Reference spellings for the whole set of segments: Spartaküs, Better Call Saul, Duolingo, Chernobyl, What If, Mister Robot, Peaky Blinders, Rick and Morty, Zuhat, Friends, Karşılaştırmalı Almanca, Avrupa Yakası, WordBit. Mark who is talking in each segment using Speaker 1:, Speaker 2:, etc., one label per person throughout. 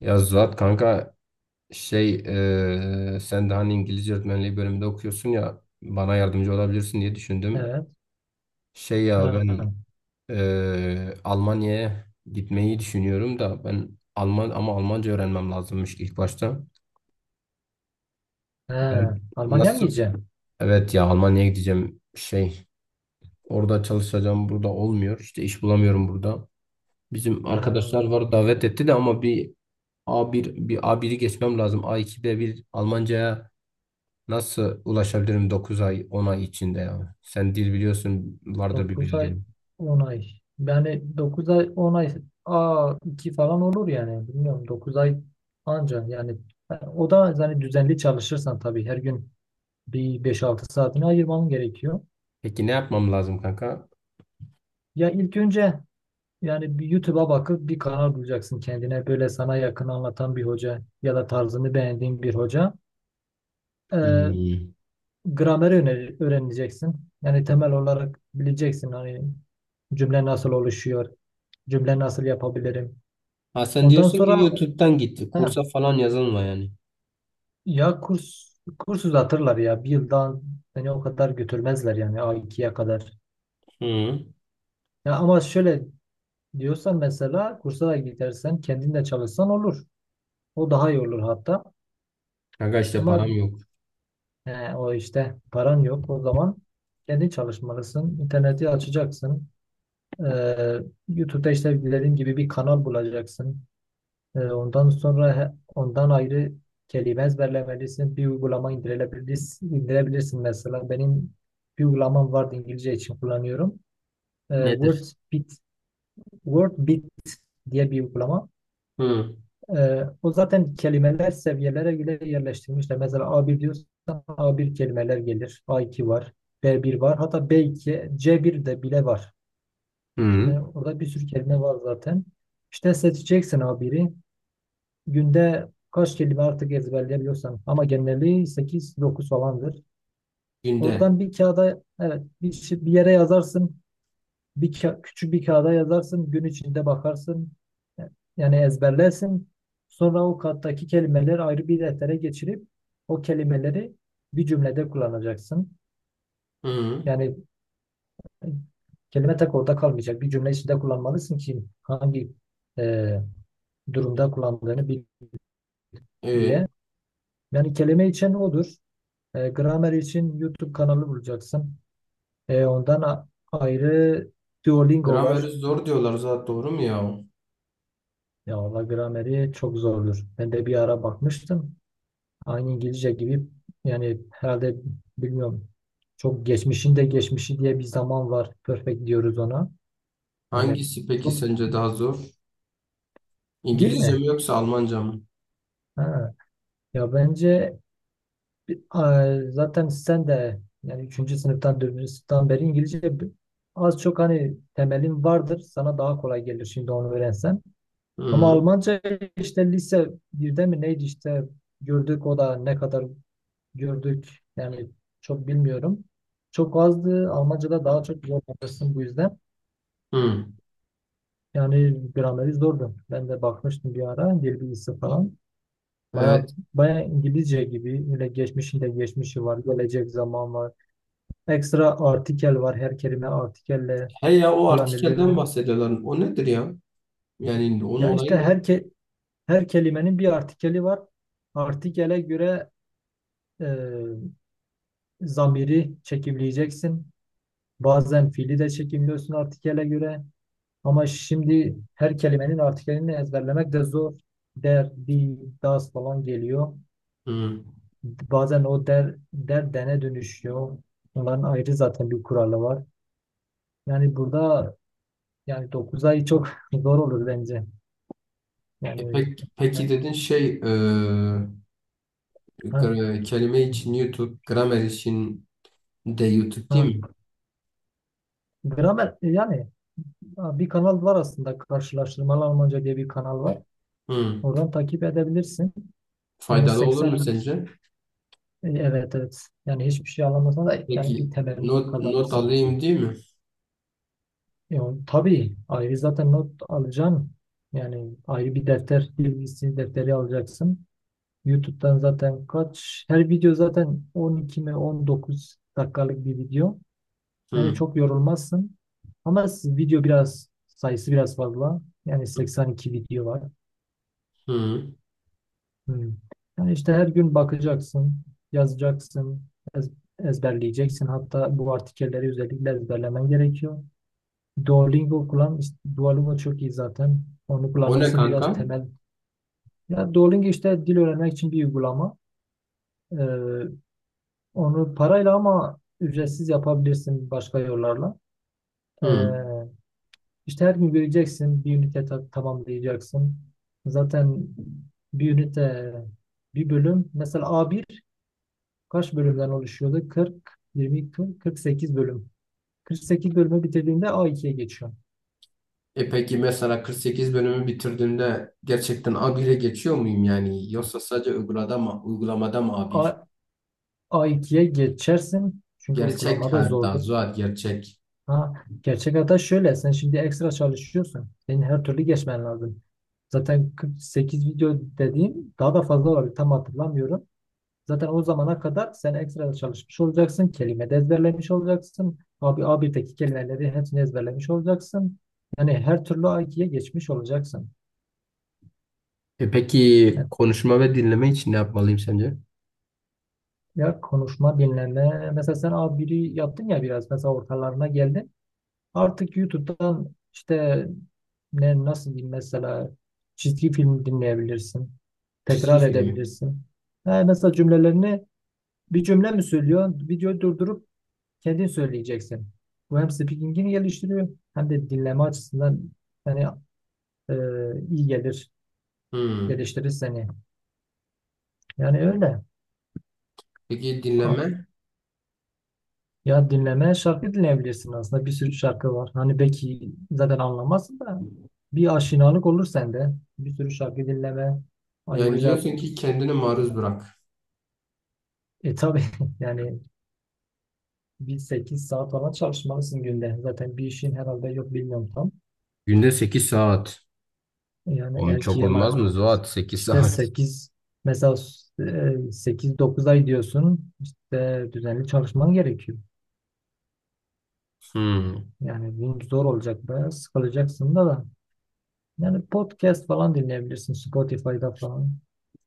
Speaker 1: Ya Zuhat kanka, sen de hani İngilizce öğretmenliği bölümünde okuyorsun ya, bana yardımcı olabilirsin diye düşündüm.
Speaker 2: Evet.
Speaker 1: Şey ya ben
Speaker 2: Ha.
Speaker 1: eee, Almanya'ya gitmeyi düşünüyorum da, ben Alman ama Almanca öğrenmem lazımmış ilk başta. Ben
Speaker 2: Ha. Almanya mı
Speaker 1: nasıl
Speaker 2: gideceğim?
Speaker 1: Evet ya, Almanya'ya gideceğim, orada çalışacağım, burada olmuyor işte, iş bulamıyorum burada. Bizim
Speaker 2: Ha.
Speaker 1: arkadaşlar var, davet etti de, ama bir a bir a biri geçmem lazım, A2 B1 Almanca'ya. Nasıl ulaşabilirim 9 ay 10 ay içinde ya? Sen dil biliyorsun, vardır bir
Speaker 2: 9 ay
Speaker 1: bildiğin.
Speaker 2: 10 ay. Yani 9 ay on ay a 2 falan olur yani. Bilmiyorum. 9 ay anca yani, o da yani düzenli çalışırsan tabii her gün bir beş altı saatini ayırman gerekiyor.
Speaker 1: Peki ne yapmam lazım kanka?
Speaker 2: Ya ilk önce yani bir YouTube'a bakıp bir kanal bulacaksın kendine, böyle sana yakın anlatan bir hoca ya da tarzını beğendiğin bir hoca. Ee,
Speaker 1: Hmm.
Speaker 2: gramer öğreneceksin. Yani temel olarak bileceksin hani cümle nasıl oluşuyor, cümle nasıl yapabilirim.
Speaker 1: Ha, sen
Speaker 2: Ondan
Speaker 1: diyorsun ki
Speaker 2: sonra
Speaker 1: YouTube'dan gitti.
Speaker 2: ha,
Speaker 1: Kursa falan yazılma yani.
Speaker 2: ya kurs, uzatırlar ya bir yıldan seni o kadar götürmezler yani A2'ye kadar.
Speaker 1: Hı.
Speaker 2: Ya ama şöyle diyorsan mesela kursa da gidersen kendin de çalışsan olur. O daha iyi olur hatta.
Speaker 1: Kanka işte
Speaker 2: Ama
Speaker 1: param yok.
Speaker 2: o işte paran yok, o zaman kendin çalışmalısın. İnterneti açacaksın. Ee, YouTube'da işte dediğim gibi bir kanal bulacaksın. Ondan ondan ayrı kelime ezberlemelisin. Bir uygulama indirebilirsin, mesela. Benim bir uygulamam vardı, İngilizce için kullanıyorum.
Speaker 1: Nedir?
Speaker 2: WordBit. WordBit diye bir uygulama.
Speaker 1: Hı.
Speaker 2: O zaten kelimeler seviyelere göre yerleştirilmişler. Mesela a bir diyorsan a bir kelimeler gelir. A iki var. B bir var. Hatta b iki, c bir de bile var.
Speaker 1: Hı.
Speaker 2: Yani orada bir sürü kelime var zaten. İşte seçeceksin A1'i. Günde kaç kelime artık ezberleyebiliyorsan. Ama genelliği 8-9 falandır.
Speaker 1: Günde.
Speaker 2: Oradan bir kağıda, evet, bir yere yazarsın. Küçük bir kağıda yazarsın. Gün içinde bakarsın. Yani ezberlersin. Sonra o kattaki kelimeleri ayrı bir deftere geçirip o kelimeleri bir cümlede kullanacaksın.
Speaker 1: Hı.
Speaker 2: Yani kelime tek orada kalmayacak. Bir cümle içinde kullanmalısın ki hangi e, durumda kullandığını bil diye.
Speaker 1: E,
Speaker 2: Yani kelime için odur. Gramer için YouTube kanalı bulacaksın. Ondan ayrı Duolingo
Speaker 1: grameri
Speaker 2: var.
Speaker 1: zor diyorlar zaten, doğru mu ya?
Speaker 2: Ya valla grameri çok zordur. Ben de bir ara bakmıştım. Aynı İngilizce gibi yani herhalde, bilmiyorum. Çok geçmişin de geçmişi diye bir zaman var. Perfect diyoruz ona. Yani
Speaker 1: Hangisi peki
Speaker 2: çok,
Speaker 1: sence daha zor?
Speaker 2: değil
Speaker 1: İngilizce
Speaker 2: mi?
Speaker 1: mi yoksa Almanca mı?
Speaker 2: Ha. Ya bence zaten sen de yani üçüncü sınıftan dördüncü sınıftan beri İngilizce az çok hani temelin vardır. Sana daha kolay gelir şimdi onu öğrensen. Ama
Speaker 1: Hı.
Speaker 2: Almanca işte lise birde mi neydi işte gördük, o da ne kadar gördük yani çok bilmiyorum. Çok azdı. Almanca'da daha çok zorlanırsın bu yüzden.
Speaker 1: Hı.
Speaker 2: Yani grameri zordu. Ben de bakmıştım bir ara dil bilgisi falan. Baya
Speaker 1: Evet.
Speaker 2: baya İngilizce gibi, öyle geçmişinde geçmişi var, gelecek zaman var. Ekstra artikel var. Her kelime artikelle
Speaker 1: He ya, o artikelden
Speaker 2: kullanılıyor.
Speaker 1: bahsediyorlar. O nedir ya? Yani onun
Speaker 2: Yani işte
Speaker 1: olayı ne?
Speaker 2: her kelimenin bir artikeli var. Artikele göre e, zamiri çekimleyeceksin. Bazen fiili de çekimliyorsun artikele göre. Ama şimdi her kelimenin artikelini ezberlemek de zor. Der, di, das falan geliyor.
Speaker 1: Hı.
Speaker 2: Bazen o der, der dene dönüşüyor. Onların ayrı zaten bir kuralı var. Yani burada yani 9 ay çok zor olur bence.
Speaker 1: E
Speaker 2: Yani
Speaker 1: pek, peki
Speaker 2: e,
Speaker 1: dedin,
Speaker 2: ha,
Speaker 1: kelime için YouTube, gramer için de YouTube, değil mi?
Speaker 2: ha. Gramer yani ha, bir kanal var aslında, Karşılaştırmalı Almanca diye bir kanal var.
Speaker 1: Hı.
Speaker 2: Oradan takip edebilirsin. Yani
Speaker 1: Faydalı olur mu
Speaker 2: 82,
Speaker 1: sence?
Speaker 2: evet, evet. Yani hiçbir şey anlamasan da
Speaker 1: Peki
Speaker 2: yani bir temel
Speaker 1: not
Speaker 2: kazanırsın.
Speaker 1: alayım değil mi?
Speaker 2: Yani, tabii ayrı zaten not alacaksın. Yani ayrı bir defter, dil bilgisi defteri alacaksın. YouTube'dan zaten kaç her video zaten 12 mi 19 dakikalık bir video. Yani
Speaker 1: Hı.
Speaker 2: çok yorulmazsın. Ama video biraz sayısı biraz fazla. Yani 82 video var.
Speaker 1: Hı.
Speaker 2: Hmm. Yani işte her gün bakacaksın, yazacaksın, ez- ezberleyeceksin. Hatta bu artikelleri özellikle ezberlemen gerekiyor. Duolingo kullan. İşte Duolingo çok iyi zaten. Onu
Speaker 1: O ne
Speaker 2: kullanırsın biraz
Speaker 1: kanka?
Speaker 2: temel. Ya Duolingo işte dil öğrenmek için bir uygulama. Ee, Onu parayla, ama ücretsiz yapabilirsin başka yollarla. Ee,
Speaker 1: Hı.
Speaker 2: İşte her gün göreceksin, bir ünite tamamlayacaksın. Zaten bir ünite, bir bölüm. Mesela A1 kaç bölümden oluşuyordu? 40, 20, 40, 48 bölüm. 48 bölümü bitirdiğinde A2'ye geçiyorsun.
Speaker 1: Peki mesela 48 bölümü bitirdiğimde gerçekten A1'e geçiyor muyum yani? Yoksa sadece uygulamada mı, uygulamada mı A1?
Speaker 2: A, A2'ye geçersin. Çünkü
Speaker 1: Gerçek
Speaker 2: uygulamada
Speaker 1: hayatta
Speaker 2: zordur.
Speaker 1: Zuhal, gerçek.
Speaker 2: Ha, gerçek hata şöyle. Sen şimdi ekstra çalışıyorsun. Senin her türlü geçmen lazım. Zaten 48 video dediğim daha da fazla olabilir. Tam hatırlamıyorum. Zaten o zamana kadar sen ekstra çalışmış olacaksın. Kelime de ezberlemiş olacaksın. Abi A1'deki kelimeleri hepsini ezberlemiş olacaksın. Yani her türlü A2'ye geçmiş olacaksın.
Speaker 1: Peki
Speaker 2: Evet.
Speaker 1: konuşma ve dinleme için ne yapmalıyım sence?
Speaker 2: Ya konuşma, dinleme. Mesela sen A1'i yaptın ya biraz. Mesela ortalarına geldin. Artık YouTube'dan işte ne, nasıl diyeyim, mesela çizgi film dinleyebilirsin.
Speaker 1: Çizgi
Speaker 2: Tekrar
Speaker 1: film.
Speaker 2: edebilirsin. Ha, mesela cümlelerini, bir cümle mi söylüyor? Videoyu durdurup kendin söyleyeceksin. Bu hem speaking'ini geliştiriyor hem de dinleme açısından yani e, iyi gelir,
Speaker 1: Hmm.
Speaker 2: geliştirir seni. Yani öyle.
Speaker 1: Peki
Speaker 2: A-
Speaker 1: dinlenme?
Speaker 2: Ya dinleme, şarkı dinleyebilirsin aslında. Bir sürü şarkı var. Hani belki zaten anlamazsın da bir aşinalık olur sende. Bir sürü şarkı dinleme.
Speaker 1: Yani
Speaker 2: Ayrıca
Speaker 1: diyorsun ki kendini maruz bırak.
Speaker 2: tabii yani bir 8 saat falan çalışmalısın günde. Zaten bir işin herhalde yok, bilmiyorum tam.
Speaker 1: Günde 8 saat.
Speaker 2: Yani
Speaker 1: Oğlum çok
Speaker 2: erkeği
Speaker 1: olmaz
Speaker 2: ama
Speaker 1: mı Zuhat? 8
Speaker 2: işte
Speaker 1: saat.
Speaker 2: 8 mesela, sekiz dokuz ay diyorsun işte düzenli çalışman gerekiyor.
Speaker 1: Hmm.
Speaker 2: Yani bu zor olacak, bayağı sıkılacaksın da. Yani podcast falan dinleyebilirsin Spotify'da falan.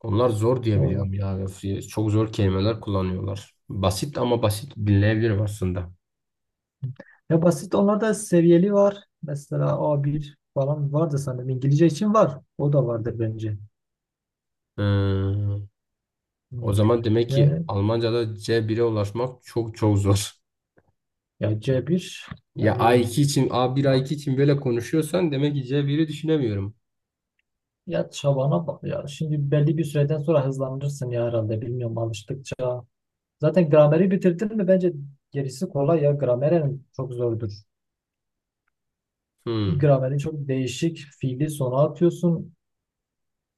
Speaker 1: Onlar zor diye
Speaker 2: O var.
Speaker 1: biliyorum ya. Öf ya. Çok zor kelimeler kullanıyorlar. Basit ama, basit dinleyebilirim aslında.
Speaker 2: Ya basit onlarda seviyeli var. Mesela A1 falan vardı sanırım. İngilizce için var. O da vardır bence.
Speaker 1: Hmm.
Speaker 2: Hı.
Speaker 1: O zaman demek ki
Speaker 2: Yani
Speaker 1: Almanca'da C1'e ulaşmak çok çok zor.
Speaker 2: ya C1,
Speaker 1: Ya a
Speaker 2: yani
Speaker 1: iki için, A1 A2 için böyle konuşuyorsan demek ki C1'i düşünemiyorum.
Speaker 2: ya çabana bak ya. Şimdi belli bir süreden sonra hızlanırsın ya, herhalde. Bilmiyorum, alıştıkça. Zaten grameri bitirdin mi bence gerisi kolay ya. Grameren çok zordur.
Speaker 1: Hmm.
Speaker 2: Grameri çok değişik. Fiili sona atıyorsun.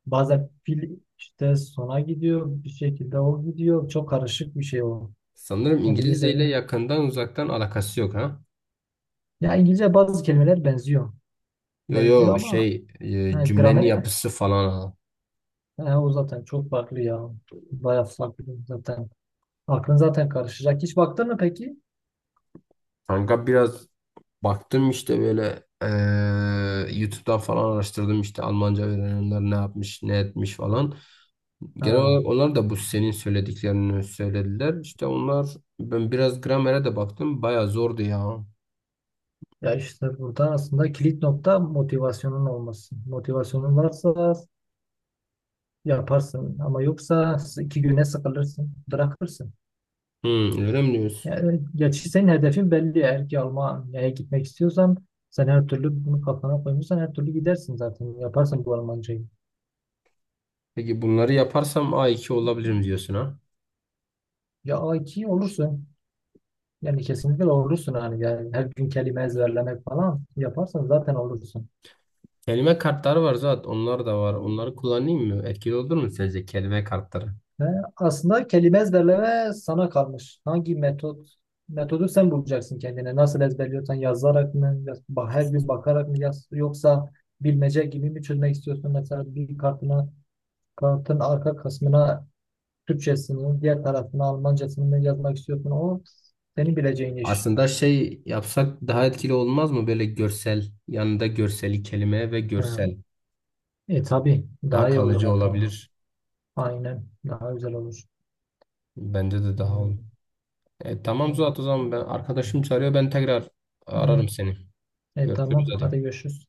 Speaker 2: Bazen fiil işte sona gidiyor. Bir şekilde o gidiyor. Çok karışık bir şey o.
Speaker 1: Sanırım
Speaker 2: Hani
Speaker 1: İngilizce
Speaker 2: lisede.
Speaker 1: ile yakından uzaktan alakası yok, ha.
Speaker 2: Ya İngilizce bazı kelimeler benziyor.
Speaker 1: Yo
Speaker 2: Benziyor
Speaker 1: yo,
Speaker 2: ama ha,
Speaker 1: cümlenin
Speaker 2: grameri mi?
Speaker 1: yapısı falan, ha.
Speaker 2: Ha, o zaten çok farklı ya. Bayağı farklı zaten. Aklın zaten karışacak. Hiç baktın mı peki?
Speaker 1: Kanka biraz baktım işte, böyle e, YouTube'dan falan araştırdım, işte Almanca öğrenenler ne yapmış ne etmiş falan. Genel olarak
Speaker 2: Ha.
Speaker 1: onlar da bu senin söylediklerini söylediler. İşte onlar, ben biraz gramere de baktım, baya zordu ya.
Speaker 2: Ya işte burada aslında kilit nokta motivasyonun olması. Motivasyonun varsa yaparsın ama yoksa iki güne sıkılırsın, bırakırsın.
Speaker 1: Hmm, öyle mi diyorsun?
Speaker 2: Yani gerçi senin hedefin belli. Eğer ki Almanya'ya gitmek istiyorsan sen her türlü bunu kafana koymuşsan her türlü gidersin zaten. Yaparsın bu Almancayı.
Speaker 1: Peki bunları yaparsam A2 olabilirim diyorsun ha?
Speaker 2: Ya A2 olursun. Yani kesinlikle olursun hani yani her gün kelime ezberlemek falan yaparsan zaten olursun.
Speaker 1: Kelime kartları var zaten, onlar da var. Onları kullanayım mı? Etkili olur mu sence, kelime kartları?
Speaker 2: He, aslında kelime ezberleme sana kalmış. Hangi metodu sen bulacaksın kendine. Nasıl ezberliyorsan, yazarak mı, her gün bakarak mı, yoksa bilmece gibi mi çözmek istiyorsun? Mesela bir kartına, kartın arka kısmına Türkçesini, diğer tarafına Almancasını mı yazmak istiyorsun? O senin bileceğin iş.
Speaker 1: Aslında şey yapsak daha etkili olmaz mı? Böyle görsel, yanında görseli, kelime ve
Speaker 2: He.
Speaker 1: görsel
Speaker 2: Tabii
Speaker 1: daha
Speaker 2: daha iyi olur
Speaker 1: kalıcı
Speaker 2: hatta.
Speaker 1: olabilir.
Speaker 2: Aynen daha güzel olur.
Speaker 1: Bence de daha
Speaker 2: Hmm,
Speaker 1: olur. Tamam
Speaker 2: aynen.
Speaker 1: Zuhat, o zaman ben, arkadaşım çağırıyor, ben tekrar ararım seni. Görüşürüz
Speaker 2: Tamam,
Speaker 1: hadi.
Speaker 2: hadi görüşürüz.